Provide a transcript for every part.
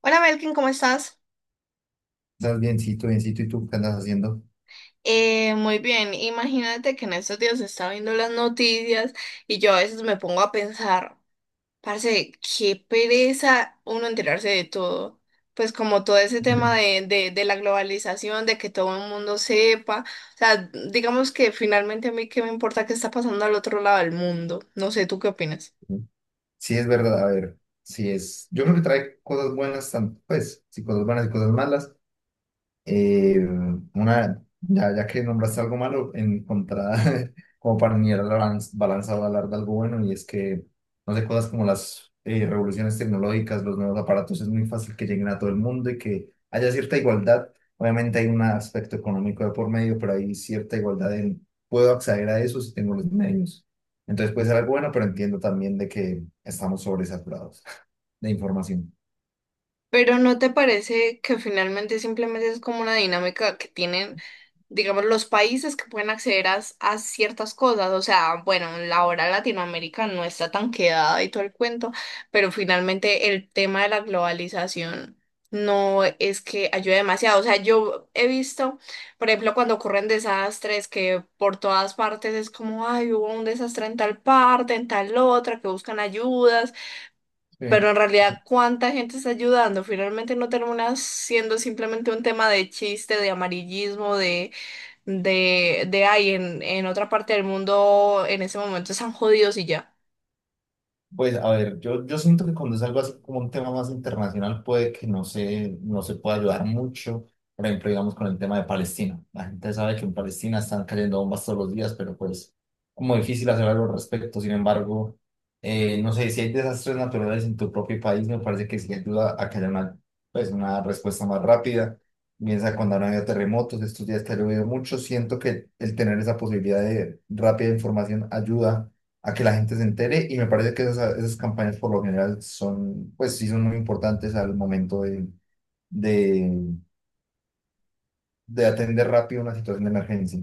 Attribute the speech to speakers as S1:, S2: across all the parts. S1: Hola Melkin, ¿cómo estás?
S2: Estás biencito, biencito, ¿y tú qué andas haciendo?
S1: Muy bien, imagínate que en estos días estaba viendo las noticias y yo a veces me pongo a pensar, parce, qué pereza uno enterarse de todo. Pues como todo ese tema
S2: Bien.
S1: de la globalización, de que todo el mundo sepa. O sea, digamos que finalmente a mí qué me importa qué está pasando al otro lado del mundo. No sé, ¿tú qué opinas?
S2: Sí, es verdad, a ver, sí es. Yo creo que trae cosas buenas, pues, sí, cosas buenas y cosas malas. Eh, una, ya que nombraste algo malo, encontrar como para unir la balanza o hablar de algo bueno, y es que no sé, cosas como las revoluciones tecnológicas, los nuevos aparatos, es muy fácil que lleguen a todo el mundo y que haya cierta igualdad. Obviamente hay un aspecto económico de por medio, pero hay cierta igualdad en, puedo acceder a eso si tengo los medios. Entonces puede ser algo bueno, pero entiendo también de que estamos sobresaturados de información.
S1: Pero ¿no te parece que finalmente simplemente es como una dinámica que tienen, digamos, los países que pueden acceder a ciertas cosas? O sea, bueno, la hora Latinoamérica no está tan quedada y todo el cuento, pero finalmente el tema de la globalización no es que ayude demasiado. O sea, yo he visto, por ejemplo, cuando ocurren desastres que por todas partes es como, ay, hubo un desastre en tal parte, en tal otra, que buscan ayudas,
S2: Sí.
S1: pero en realidad, ¿cuánta gente está ayudando? Finalmente no termina siendo simplemente un tema de chiste, de amarillismo, de ay, en otra parte del mundo en ese momento están jodidos y ya.
S2: Pues a ver, yo siento que cuando es algo así como un tema más internacional puede que no se pueda ayudar mucho. Por ejemplo, digamos con el tema de Palestina. La gente sabe que en Palestina están cayendo bombas todos los días, pero pues como difícil hacer algo al respecto. Sin embargo, no sé, si hay desastres naturales en tu propio país, me parece que sí ayuda a que haya una, pues, una respuesta más rápida. Piensa cuando han habido terremotos, estos días que ha llovido mucho, siento que el tener esa posibilidad de rápida información ayuda a que la gente se entere y me parece que esas campañas por lo general son, pues sí, son muy importantes al momento de, de atender rápido una situación de emergencia.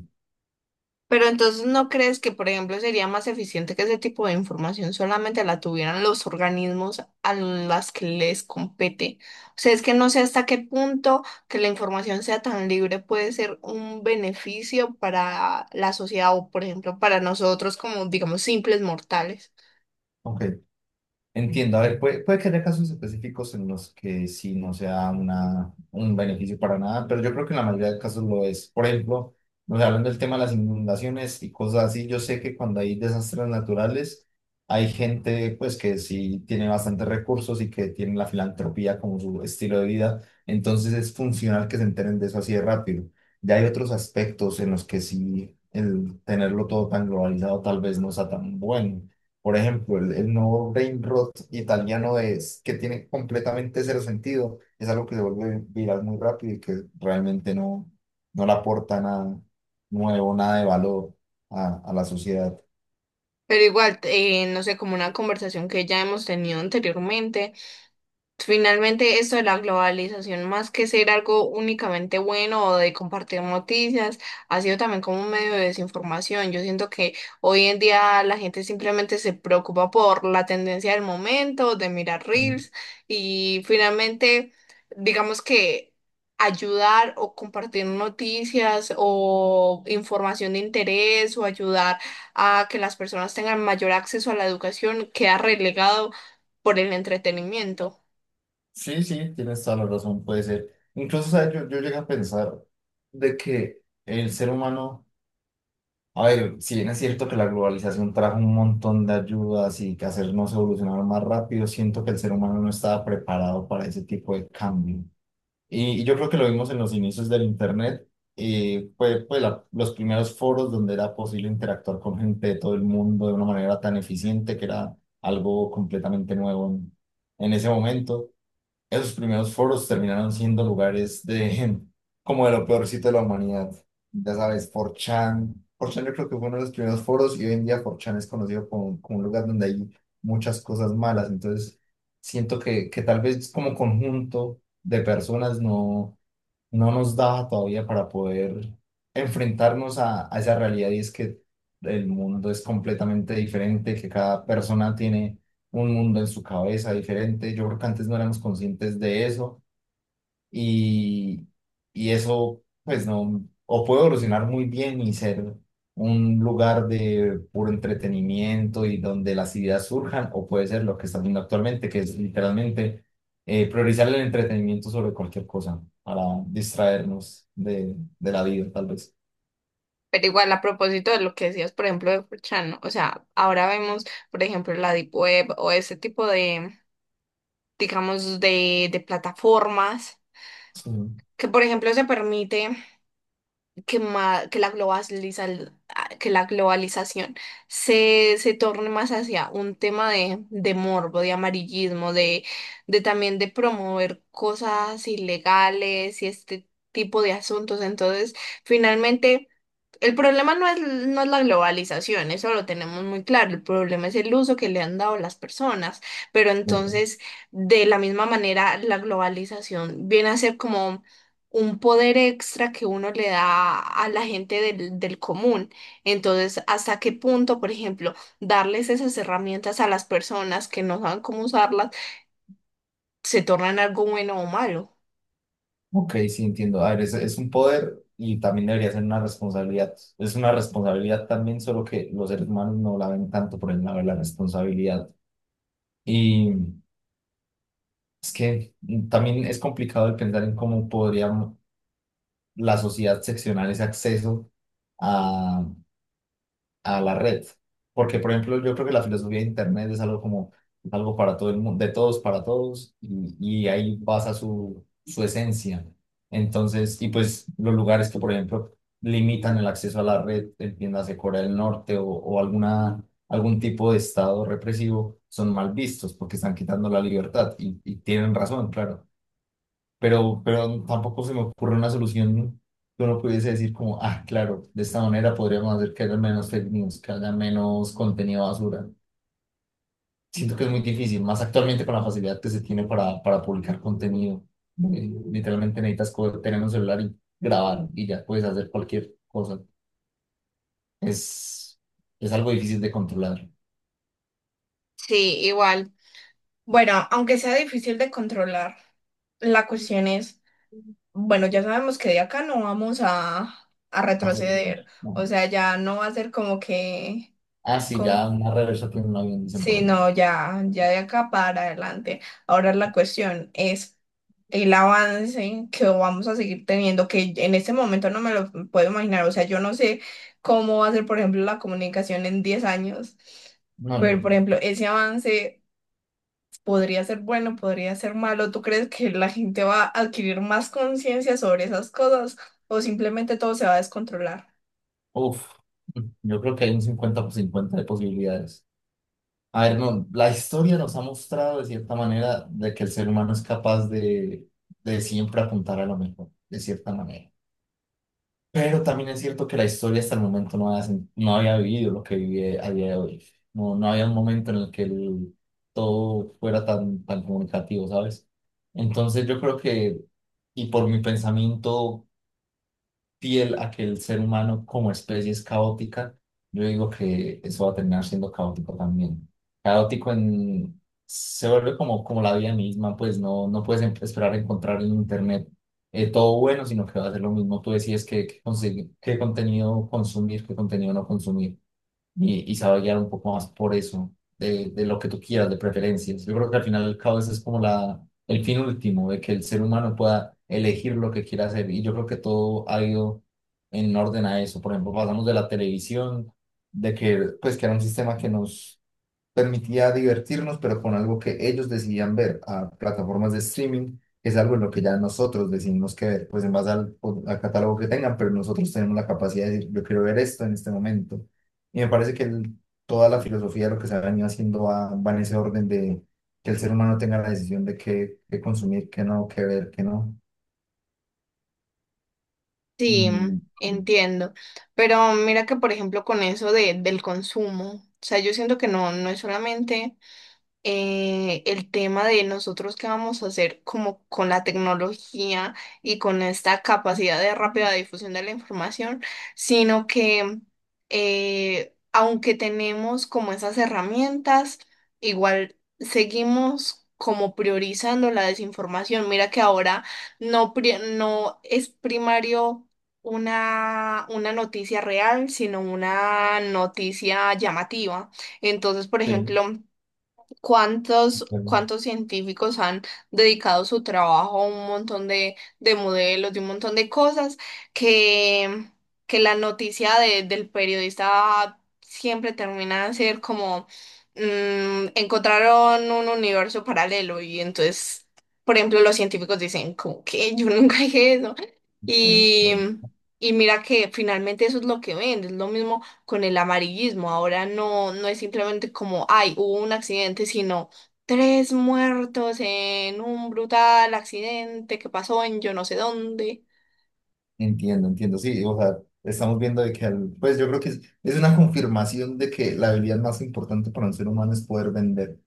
S1: Pero entonces, ¿no crees que, por ejemplo, sería más eficiente que ese tipo de información solamente la tuvieran los organismos a las que les compete? O sea, es que no sé hasta qué punto que la información sea tan libre puede ser un beneficio para la sociedad o, por ejemplo, para nosotros como, digamos, simples mortales.
S2: Ok. Entiendo, a ver, puede que haya casos específicos en los que sí no sea una, un beneficio para nada, pero yo creo que en la mayoría de casos lo es. Por ejemplo, nos hablando del tema de las inundaciones y cosas así, yo sé que cuando hay desastres naturales, hay gente pues que sí tiene bastantes recursos y que tiene la filantropía como su estilo de vida, entonces es funcional que se enteren de eso así de rápido. Ya hay otros aspectos en los que sí el tenerlo todo tan globalizado tal vez no sea tan bueno. Por ejemplo, el nuevo brain rot italiano es que tiene completamente cero sentido. Es algo que se vuelve viral muy rápido y que realmente no le aporta nada nuevo, nada de valor a la sociedad.
S1: Pero igual, no sé, como una conversación que ya hemos tenido anteriormente. Finalmente, esto de la globalización, más que ser algo únicamente bueno o de compartir noticias, ha sido también como un medio de desinformación. Yo siento que hoy en día la gente simplemente se preocupa por la tendencia del momento, de mirar
S2: Mm.
S1: reels y finalmente, digamos que ayudar o compartir noticias o información de interés o ayudar a que las personas tengan mayor acceso a la educación queda relegado por el entretenimiento.
S2: Sí, sí, tienes toda la razón, puede ser. Incluso, ¿sabes? Yo llegué a pensar de que el ser humano, a ver, si bien es cierto que la globalización trajo un montón de ayudas y que hacernos evolucionar más rápido, siento que el ser humano no estaba preparado para ese tipo de cambio. Y yo creo que lo vimos en los inicios del Internet. Fue pues, los primeros foros donde era posible interactuar con gente de todo el mundo de una manera tan eficiente que era algo completamente nuevo en ese momento. Esos primeros foros terminaron siendo lugares de como de lo peorcito de la humanidad. Ya sabes, 4chan. 4chan yo creo que fue uno de los primeros foros y hoy en día 4chan es conocido como un lugar donde hay muchas cosas malas. Entonces, siento que tal vez como conjunto de personas no nos da todavía para poder enfrentarnos a esa realidad y es que el mundo es completamente diferente, que cada persona tiene un mundo en su cabeza diferente. Yo creo que antes no éramos conscientes de eso y, y eso, pues no, o puede evolucionar muy bien y ser un lugar de puro entretenimiento y donde las ideas surjan, o puede ser lo que está viendo actualmente, que es literalmente priorizar el entretenimiento sobre cualquier cosa para distraernos de la vida, tal vez.
S1: Pero igual a propósito de lo que decías, por ejemplo, de 4chan, ¿no? O sea, ahora vemos, por ejemplo, la Deep Web o ese tipo de, digamos, de plataformas
S2: Sí.
S1: que, por ejemplo, se permite que la que la globalización se torne más hacia un tema de morbo, de amarillismo, de también de promover cosas ilegales y este tipo de asuntos. Entonces, finalmente, el problema no es, no es la globalización, eso lo tenemos muy claro. El problema es el uso que le han dado las personas. Pero
S2: Neta.
S1: entonces, de la misma manera, la globalización viene a ser como un poder extra que uno le da a la gente del común. Entonces, ¿hasta qué punto, por ejemplo, darles esas herramientas a las personas que no saben cómo usarlas se tornan algo bueno o malo?
S2: Ok, sí, entiendo. A ver, es un poder y también debería ser una responsabilidad. Es una responsabilidad también, solo que los seres humanos no la ven tanto por el lado de la responsabilidad. Y es que también es complicado de pensar en cómo podría la sociedad seccionar ese acceso a, a la red. Porque, por ejemplo, yo creo que la filosofía de Internet es algo como algo para todo el mundo, de todos para todos, y ahí basa su esencia. Entonces, y pues los lugares que, por ejemplo, limitan el acceso a la red, entiéndase Corea del Norte o alguna, algún tipo de estado represivo, son mal vistos porque están quitando la libertad y tienen razón, claro, pero tampoco se me ocurre una solución que uno pudiese decir como, ah, claro, de esta manera podríamos hacer que haya menos fake news, que haya menos contenido basura. Siento que es muy difícil, más actualmente con la facilidad que se tiene para publicar contenido. Literalmente necesitas tener un celular y grabar y ya puedes hacer cualquier cosa. Es, es algo difícil de controlar.
S1: Sí, igual. Bueno, aunque sea difícil de controlar, la cuestión es, bueno, ya sabemos que de acá no vamos a
S2: Hacer,
S1: retroceder.
S2: ajá.
S1: O sea, ya no va a ser como que,
S2: Ah, sí,
S1: com-
S2: ya una reversa tiene un avión, dicen por
S1: sí,
S2: ahí.
S1: no, ya, ya de acá para adelante. Ahora la cuestión es el avance que vamos a seguir teniendo, que en este momento no me lo puedo imaginar. O sea, yo no sé cómo va a ser, por ejemplo, la comunicación en 10 años.
S2: No, yo
S1: Pero, por ejemplo, ese avance podría ser bueno, podría ser malo. ¿Tú crees que la gente va a adquirir más conciencia sobre esas cosas o simplemente todo se va a descontrolar?
S2: Uf, yo creo que hay un 50/50 de posibilidades. A ver, no, la historia nos ha mostrado de cierta manera de que el ser humano es capaz de siempre apuntar a lo mejor, de cierta manera. Pero también es cierto que la historia hasta el momento no había, no había vivido lo que vive a día de hoy. No, no había un momento en el que todo fuera tan, tan comunicativo, ¿sabes? Entonces yo creo que, y por mi pensamiento fiel a que el ser humano como especie es caótica, yo digo que eso va a terminar siendo caótico también. Caótico en... se vuelve como la vida misma, pues no, no puedes esperar encontrar en internet todo bueno, sino que va a ser lo mismo. Tú decides qué contenido consumir, qué contenido no consumir y sabe guiar un poco más por eso, de lo que tú quieras, de preferencias. Yo creo que al final el caos es como la, el fin último, de que el ser humano pueda elegir lo que quiera hacer. Y yo creo que todo ha ido en orden a eso. Por ejemplo, pasamos de la televisión, de que, pues, que era un sistema que nos permitía divertirnos, pero con algo que ellos decidían ver a plataformas de streaming, que es algo en lo que ya nosotros decidimos que ver, pues en base al catálogo que tengan, pero nosotros tenemos la capacidad de decir, yo quiero ver esto en este momento. Y me parece que toda la filosofía de lo que se ha venido haciendo va en ese orden de que el ser humano tenga la decisión de qué, qué consumir, qué no, qué ver, qué no.
S1: Sí,
S2: Y
S1: entiendo. Pero mira que, por ejemplo, con eso de, del consumo, o sea, yo siento que no, no es solamente el tema de nosotros qué vamos a hacer como con la tecnología y con esta capacidad de rápida difusión de la información, sino que, aunque tenemos como esas herramientas, igual seguimos como priorizando la desinformación. Mira que ahora no, no es primario. Una noticia real, sino una noticia llamativa. Entonces, por
S2: Sí,
S1: ejemplo, ¿cuántos científicos han dedicado su trabajo a un montón de modelos, de un montón de cosas que, que la noticia del periodista siempre termina de ser como mm, encontraron un universo paralelo y entonces, por ejemplo, los científicos dicen como que yo nunca dije eso
S2: sí,
S1: y,
S2: sí.
S1: y mira que finalmente eso es lo que ven, es lo mismo con el amarillismo. Ahora no, no es simplemente como, ay, hubo un accidente, sino tres muertos en un brutal accidente que pasó en yo no sé dónde.
S2: Entiendo, entiendo, sí, o sea, estamos viendo de que, pues yo creo que es una confirmación de que la habilidad más importante para un ser humano es poder vender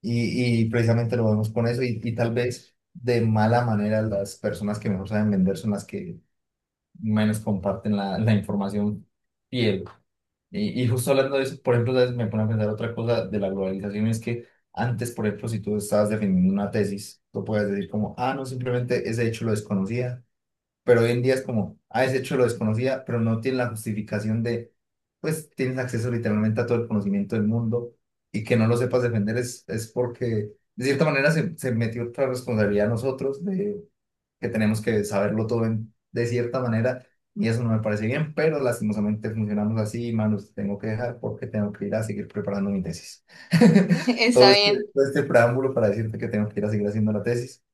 S2: y precisamente lo vemos con eso y tal vez de mala manera las personas que mejor saben vender son las que menos comparten la información fiel. Y justo hablando de eso, por ejemplo, ¿sabes? Me pone a pensar otra cosa de la globalización, es que antes, por ejemplo, si tú estabas defendiendo una tesis, tú puedes decir como, ah, no, simplemente ese hecho lo desconocía, pero hoy en día es como, ah, ese hecho lo desconocía, pero no tiene la justificación de, pues tienes acceso literalmente a todo el conocimiento del mundo y que no lo sepas defender es porque de cierta manera se metió otra responsabilidad a nosotros de que tenemos que saberlo todo de cierta manera y eso no me parece bien, pero lastimosamente funcionamos así, manos, tengo que dejar porque tengo que ir a seguir preparando mi tesis.
S1: Está
S2: Todo este,
S1: bien,
S2: todo este preámbulo para decirte que tengo que ir a seguir haciendo la tesis.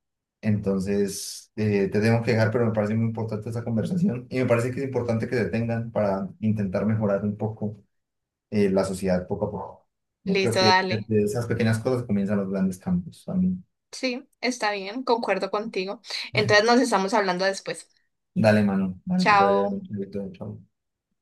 S2: Entonces, te tengo que dejar, pero me parece muy importante esta conversación y me parece que es importante que se tengan para intentar mejorar un poco la sociedad poco a poco. Yo creo
S1: listo,
S2: que de,
S1: dale.
S2: de esas pequeñas cosas comienzan los grandes cambios también.
S1: Sí, está bien, concuerdo contigo. Entonces nos estamos hablando después.
S2: Dale, mano, dale, que te vaya
S1: Chao.
S2: bien. Chao.